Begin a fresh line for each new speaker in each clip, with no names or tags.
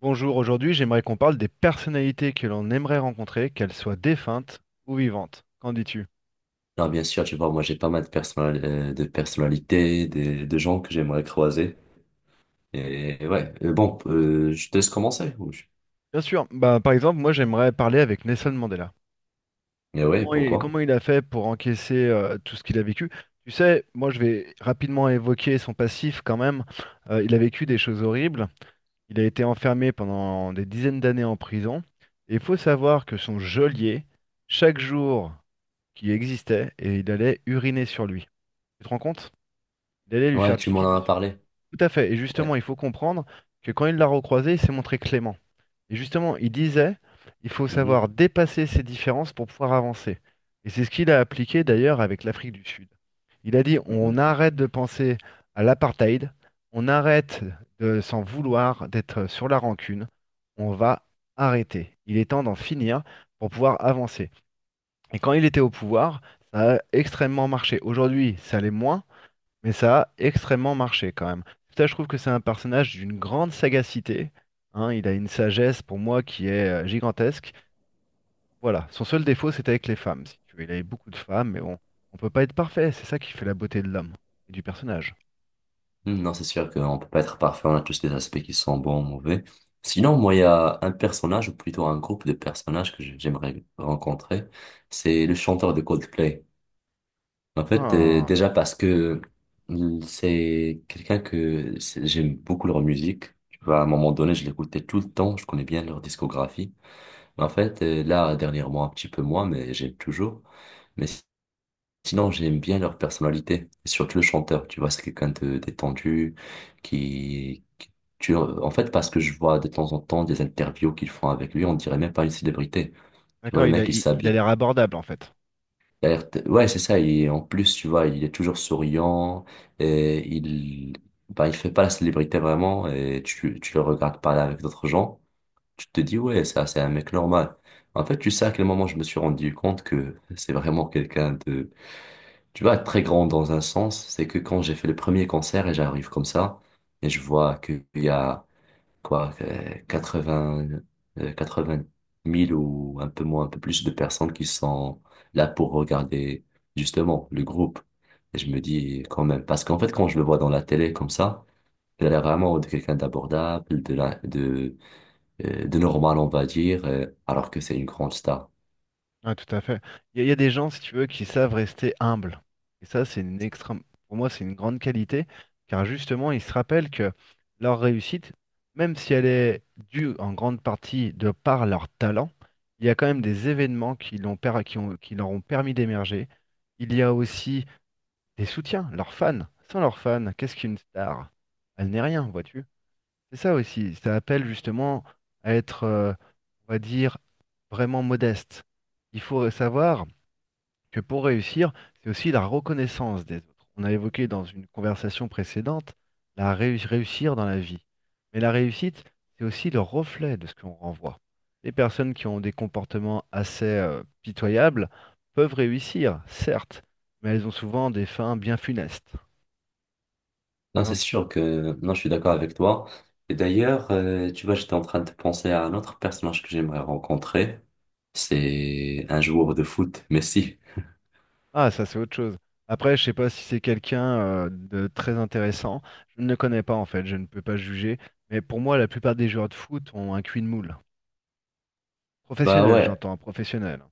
Bonjour, aujourd'hui j'aimerais qu'on parle des personnalités que l'on aimerait rencontrer, qu'elles soient défuntes ou vivantes. Qu'en dis-tu?
Non, bien sûr, tu vois, moi j'ai pas mal de, de personnalités, de gens que j'aimerais croiser. Et ouais. Je te laisse commencer.
Bien sûr, bah, par exemple, moi j'aimerais parler avec Nelson Mandela.
Mais ouais,
Comment il,
pourquoi?
comment il a fait pour encaisser tout ce qu'il a vécu? Tu sais, moi je vais rapidement évoquer son passif quand même. Il a vécu des choses horribles, il a été enfermé pendant des dizaines d'années en prison, et il faut savoir que son geôlier, chaque jour qui existait, et il allait uriner sur lui. Tu te rends compte? Il allait lui
Ouais,
faire
tu
pipi
m'en as
dessus.
parlé.
Tout à fait. Et
Ouais.
justement, il faut comprendre que quand il l'a recroisé, il s'est montré clément. Et justement, il disait, il faut
Mhm.
savoir dépasser ses différences pour pouvoir avancer. Et c'est ce qu'il a appliqué d'ailleurs avec l'Afrique du Sud. Il a dit,
Mhm.
on arrête de penser à l'apartheid, on arrête de s'en vouloir, d'être sur la rancune, on va arrêter. Il est temps d'en finir pour pouvoir avancer. Et quand il était au pouvoir, ça a extrêmement marché. Aujourd'hui, ça l'est moins, mais ça a extrêmement marché quand même. Ça, je trouve que c'est un personnage d'une grande sagacité. Hein, il a une sagesse pour moi qui est gigantesque. Voilà, son seul défaut, c'était avec les femmes, si tu veux. Il avait beaucoup de femmes, mais bon, on peut pas être parfait. C'est ça qui fait la beauté de l'homme et du personnage.
Mhm. Non, c'est sûr qu'on peut pas être parfait, on a tous des aspects qui sont bons, mauvais. Sinon, moi, il y a un personnage, ou plutôt un groupe de personnages que j'aimerais rencontrer, c'est le chanteur de Coldplay. En fait,
Ah.
déjà parce que c'est quelqu'un que c'est- j'aime beaucoup leur musique. Tu vois, à un moment donné, je l'écoutais tout le temps. Je connais bien leur discographie. Mais en fait, là, dernièrement, un petit peu moins, mais j'aime toujours. Mais si- Sinon, j'aime bien leur personnalité. Et surtout le chanteur. Tu vois, c'est quelqu'un de détendu qui, qui- tu, en fait, parce que je vois de temps en temps des interviews qu'ils font avec lui, on dirait même pas une célébrité. Tu vois,
D'accord,
le
il a,
mec, il
il, il a
s'habille,
l'air abordable en fait.
il a l'air ouais, c'est ça. Et en plus, tu vois, il est toujours souriant. Et il, bah, il fait pas la célébrité vraiment. Et tu le regardes parler avec d'autres gens. Tu te dis, ouais, ça, c'est un mec normal. En fait, tu sais à quel moment je me suis rendu compte que c'est vraiment quelqu'un de, tu vois, très grand dans un sens. C'est que quand j'ai fait le premier concert et j'arrive comme ça, et je vois qu'il y a quoi, 80, euh, vingt mille ou un peu moins, un peu plus de personnes qui sont là pour regarder justement le groupe. Et je me dis quand même, parce qu'en fait, quand je le vois dans la télé comme ça, il a l'air vraiment de quelqu'un d'abordable, de normal, on va dire, alors que c'est une grande star.
Ouais, tout à fait. Il y a des gens, si tu veux, qui savent rester humbles. Et ça, c'est une extrême, pour moi, c'est une grande qualité, car justement, ils se rappellent que leur réussite, même si elle est due en grande partie de par leur talent, il y a quand même des événements qui l'ont per- qui ont- qui leur ont permis d'émerger. Il y a aussi des soutiens, leurs fans. Sans leurs fans, qu'est-ce qu'une star? Elle n'est rien, vois-tu? C'est ça aussi. Ça appelle justement à être, on va dire, vraiment modeste. Il faut savoir que pour réussir, c'est aussi la reconnaissance des autres. On a évoqué dans une conversation précédente réussir dans la vie. Mais la réussite, c'est aussi le reflet de ce qu'on renvoie. Les personnes qui ont des comportements assez pitoyables peuvent réussir, certes, mais elles ont souvent des fins bien funestes.
Non, c'est
Non.
sûr que, non, je suis d'accord avec toi. Et d'ailleurs, tu vois, j'étais en train de penser à un autre personnage que j'aimerais rencontrer. C'est un joueur de foot, Messi.
Ah, ça c'est autre chose. Après, je sais pas si c'est quelqu'un de très intéressant. Je ne le connais pas en fait, je ne peux pas juger. Mais pour moi, la plupart des joueurs de foot ont un cul de moule.
Bah
Professionnel,
ouais.
j'entends, professionnel.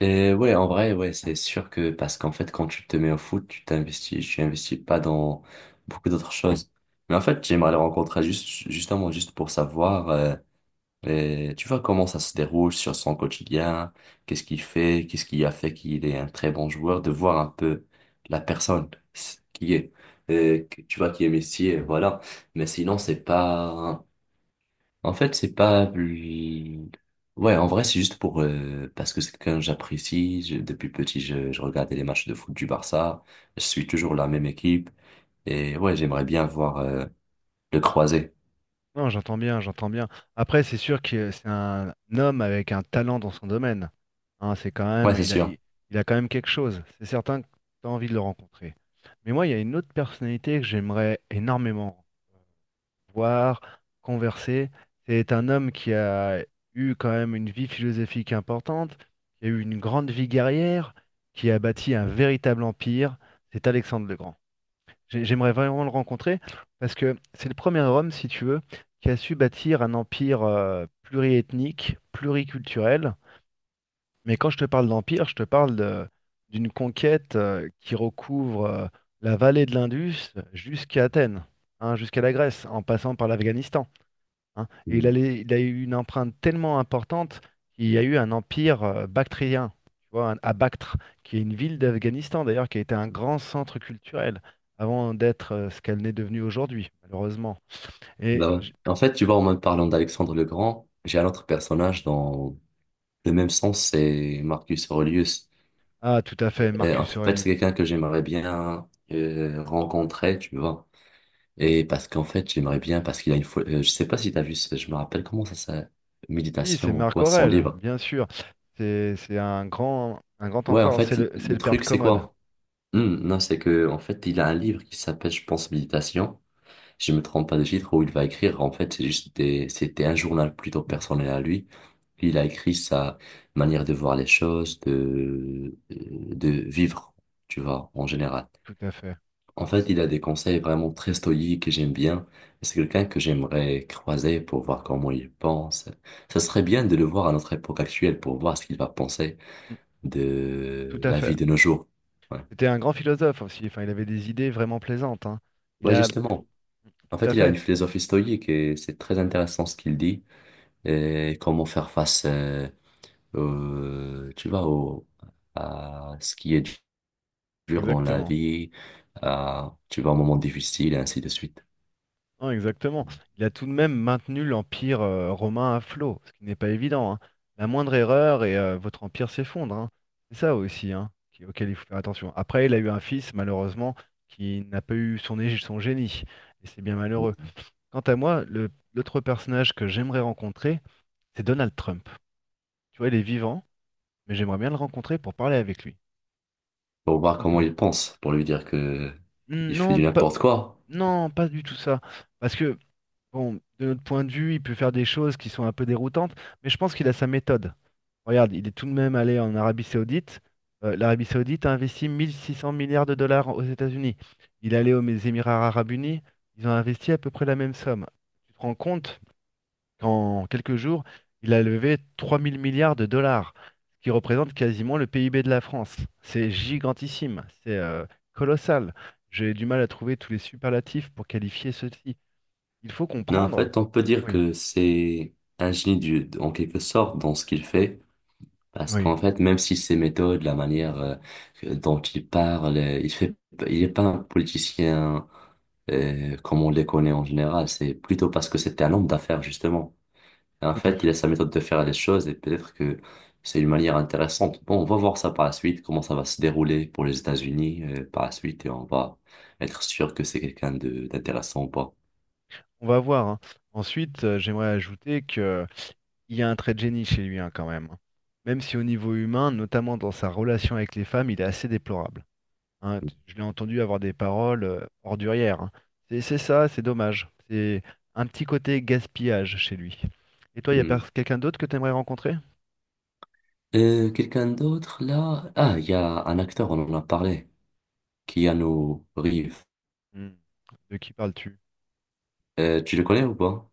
Et ouais, en vrai, ouais, c'est sûr que parce qu'en fait, quand tu te mets au foot, tu t'investis, tu investis pas dans beaucoup d'autres choses. Mais en fait, j'aimerais le rencontrer juste, justement, juste pour savoir, tu vois, comment ça se déroule sur son quotidien, qu'est-ce qu'il fait, qu'est-ce qui a fait qu'il est un très bon joueur, de voir un peu la personne qui est, tu vois, qui est Messi, et voilà. Mais sinon, c'est pas, en fait, c'est pas plus... Ouais, en vrai, c'est juste pour... parce que c'est quelqu'un que j'apprécie. Depuis petit, je regardais les matchs de foot du Barça. Je suis toujours la même équipe. Et ouais, j'aimerais bien voir, le croiser.
Non, j'entends bien, j'entends bien. Après, c'est sûr que c'est un homme avec un talent dans son domaine. Hein, c'est quand
Ouais,
même,
c'est sûr.
il a quand même quelque chose. C'est certain que tu as envie de le rencontrer. Mais moi, il y a une autre personnalité que j'aimerais énormément voir, converser. C'est un homme qui a eu quand même une vie philosophique importante, qui a eu une grande vie guerrière, qui a bâti un véritable empire. C'est Alexandre le Grand. J'aimerais vraiment le rencontrer parce que c'est le premier homme, si tu veux, qui a su bâtir un empire pluriethnique, pluriculturel. Mais quand je te parle d'empire, je te parle de- d'une conquête qui recouvre la vallée de l'Indus jusqu'à Athènes, hein, jusqu'à la Grèce, en passant par l'Afghanistan hein.
Mm.
Il a eu une empreinte tellement importante qu'il y a eu un empire bactrien, tu vois, à Bactre, qui est une ville d'Afghanistan d'ailleurs, qui a été un grand centre culturel avant d'être ce qu'elle n'est devenue aujourd'hui, malheureusement. Et
Bah ouais.
j-
En fait, tu vois, en même parlant d'Alexandre le Grand, j'ai un autre personnage dans le même sens, c'est Marcus Aurelius.
ah, tout à fait,
Et en
Marcus
fait,
Aurelius.
c'est quelqu'un
Oui,
que j'aimerais bien rencontrer, tu vois. Et parce qu'en fait, j'aimerais bien, parce qu'il y a une fois, je sais pas si t'as vu, je me rappelle comment ça s'appelle,
oui, c'est
méditation ou
Marc
quoi, sans
Aurèle,
livre.
bien sûr. C'est un grand
Ouais, en
empereur. C'est
fait,
le, c'est
le
le père de
truc, c'est
Commode.
quoi? Hmm, non, c'est que, en fait, il a un livre qui s'appelle, je pense, Méditation. Je me trompe pas de titre où il va écrire. En fait, c'est juste c'était un journal plutôt personnel à lui. Il a écrit sa manière de voir les choses, de vivre, tu vois, en général.
Tout à fait.
En fait, il a des conseils vraiment très stoïques et j'aime bien. C'est quelqu'un que j'aimerais croiser pour voir comment il pense. Ça serait bien de le voir à notre époque actuelle pour voir ce qu'il va penser
Mm. Tout
de
à
la vie
fait.
de nos jours. Ouais.
C'était un grand philosophe aussi. Enfin, il avait des idées vraiment plaisantes, hein. Il
Ouais,
a,
justement. En
tout
fait,
à
il a une
fait,
philosophie stoïque et c'est très intéressant ce qu'il dit et comment faire face, au- tu vois, au- à ce qui est dur dans la
exactement.
vie, tu vas un moment difficile, et ainsi de suite.
Non, exactement. Il a tout de même maintenu l'empire romain à flot, ce qui n'est pas évident, hein. La moindre erreur et votre empire s'effondre, hein. C'est ça aussi, hein, auquel il faut faire attention. Après, il a eu un fils, malheureusement, qui n'a pas eu son génie, et c'est bien malheureux. Quant à moi, l'autre personnage que j'aimerais rencontrer, c'est Donald Trump. Tu vois, il est vivant, mais j'aimerais bien le rencontrer pour parler avec lui,
Pour voir
tout
comment
simplement.
il pense, pour lui dire que
Hmm,
il fait
non,
du
pas,
n'importe quoi.
non, pas du tout ça. Parce que bon, de notre point de vue, il peut faire des choses qui sont un peu déroutantes, mais je pense qu'il a sa méthode. Regarde, il est tout de même allé en Arabie Saoudite. L'Arabie Saoudite a investi 1600 milliards de dollars aux États-Unis. Il est allé aux Émirats Arabes Unis. Ils ont investi à peu près la même somme. Tu te rends compte qu'en quelques jours, il a levé 3000 milliards de dollars, ce qui représente quasiment le PIB de la France. C'est gigantissime, c'est colossal. J'ai du mal à trouver tous les superlatifs pour qualifier ceci. Il faut
Non, en
comprendre.
fait, on peut dire
Oui.
que c'est un génie en quelque sorte dans ce qu'il fait. Parce
Oui,
qu'en fait, même si ses méthodes, la manière dont il parle, il est pas un politicien comme on les connaît en général. C'est plutôt parce que c'était un homme d'affaires, justement. Et en
tout à
fait, il a
fait.
sa méthode de faire les choses et peut-être que c'est une manière intéressante. Bon, on va voir ça par la suite, comment ça va se dérouler pour les États-Unis par la suite et on va être sûr que c'est quelqu'un de d'intéressant ou pas.
On va voir, hein. Ensuite, j'aimerais ajouter que il y a un trait de génie chez lui, hein, quand même, hein. Même si au niveau humain, notamment dans sa relation avec les femmes, il est assez déplorable, hein. Je l'ai entendu avoir des paroles ordurières, hein. C'est ça, c'est dommage. C'est un petit côté gaspillage chez lui. Et toi, il y a
Hmm.
quelqu'un d'autre que tu aimerais rencontrer?
Quelqu'un d'autre là? Ah, il y a un acteur, on en a parlé, Keanu Reeves.
Hmm. De qui parles-tu?
Tu le connais ou pas?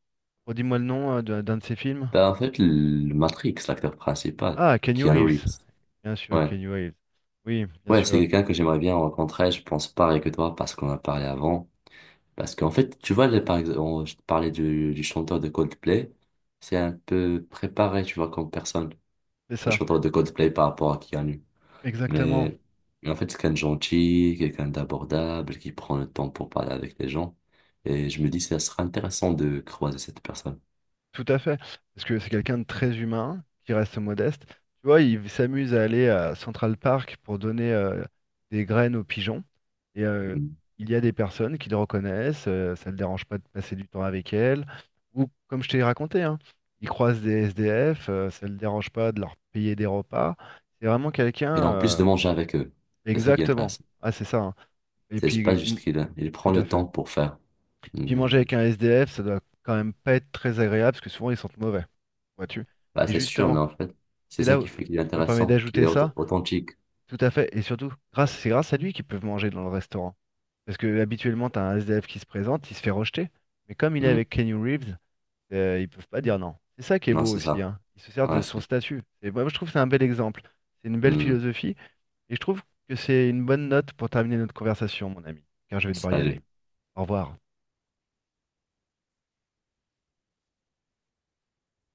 Redis-moi le nom d'un de ses films.
Ben en fait, le Matrix, l'acteur principal,
Ah, Kenny
Keanu
Reeves.
Reeves.
Bien sûr,
Ouais.
Kenny Reeves. Oui, bien
Ouais, c'est
sûr.
quelqu'un que j'aimerais bien rencontrer, je pense pareil que toi, parce qu'on a parlé avant. Parce qu'en fait, tu vois, je te parlais du chanteur de Coldplay, c'est un peu préparé, tu vois, comme personne,
C'est
le
ça.
chanteur de Coldplay par rapport à Keanu.
Exactement.
Mais, mais en fait, c'est quelqu'un de gentil, quelqu'un d'abordable, qui prend le temps pour parler avec les gens. Et je me dis, ça serait intéressant de croiser cette personne.
Tout à fait, parce que c'est quelqu'un de très humain, qui reste modeste. Tu vois, il s'amuse à aller à Central Park pour donner des graines aux pigeons. Et il y a des personnes qui le reconnaissent, ça ne le dérange pas de passer du temps avec elles. Ou comme je t'ai raconté, hein, il croise des SDF, ça ne le dérange pas de leur payer des repas. C'est vraiment
Et
quelqu'un,
en plus de manger avec eux. C'est ça qui est
exactement.
intéressant.
Ah, c'est ça, hein. Et
C'est pas
puis, mm,
juste qu'il il
tout
prend
à
le
fait.
temps pour faire.
Puis manger
Mais-
avec un SDF, ça doit quand même pas être très agréable parce que souvent ils sentent mauvais, vois-tu.
Bah,
Et
c'est sûr, mais
justement,
en fait, c'est
c'est
ça
là
qui
où
fait qu'il est
je me permets
intéressant, qu'il est
d'ajouter ça,
authentique.
tout à fait, et surtout, grâce, c'est grâce à lui qu'ils peuvent manger dans le restaurant. Parce que habituellement, t'as un SDF qui se présente, il se fait rejeter, mais comme il est
Hmm.
avec Kenny Reeves, ils peuvent pas dire non. C'est ça qui est
Non,
beau
c'est
aussi,
ça.
hein. Il se sert
Ouais,
de
c'est.
son statut. Et moi, je trouve que c'est un bel exemple, c'est une belle
Hmm.
philosophie, et je trouve que c'est une bonne note pour terminer notre conversation, mon ami, car je vais devoir y aller.
Salut.
Au revoir.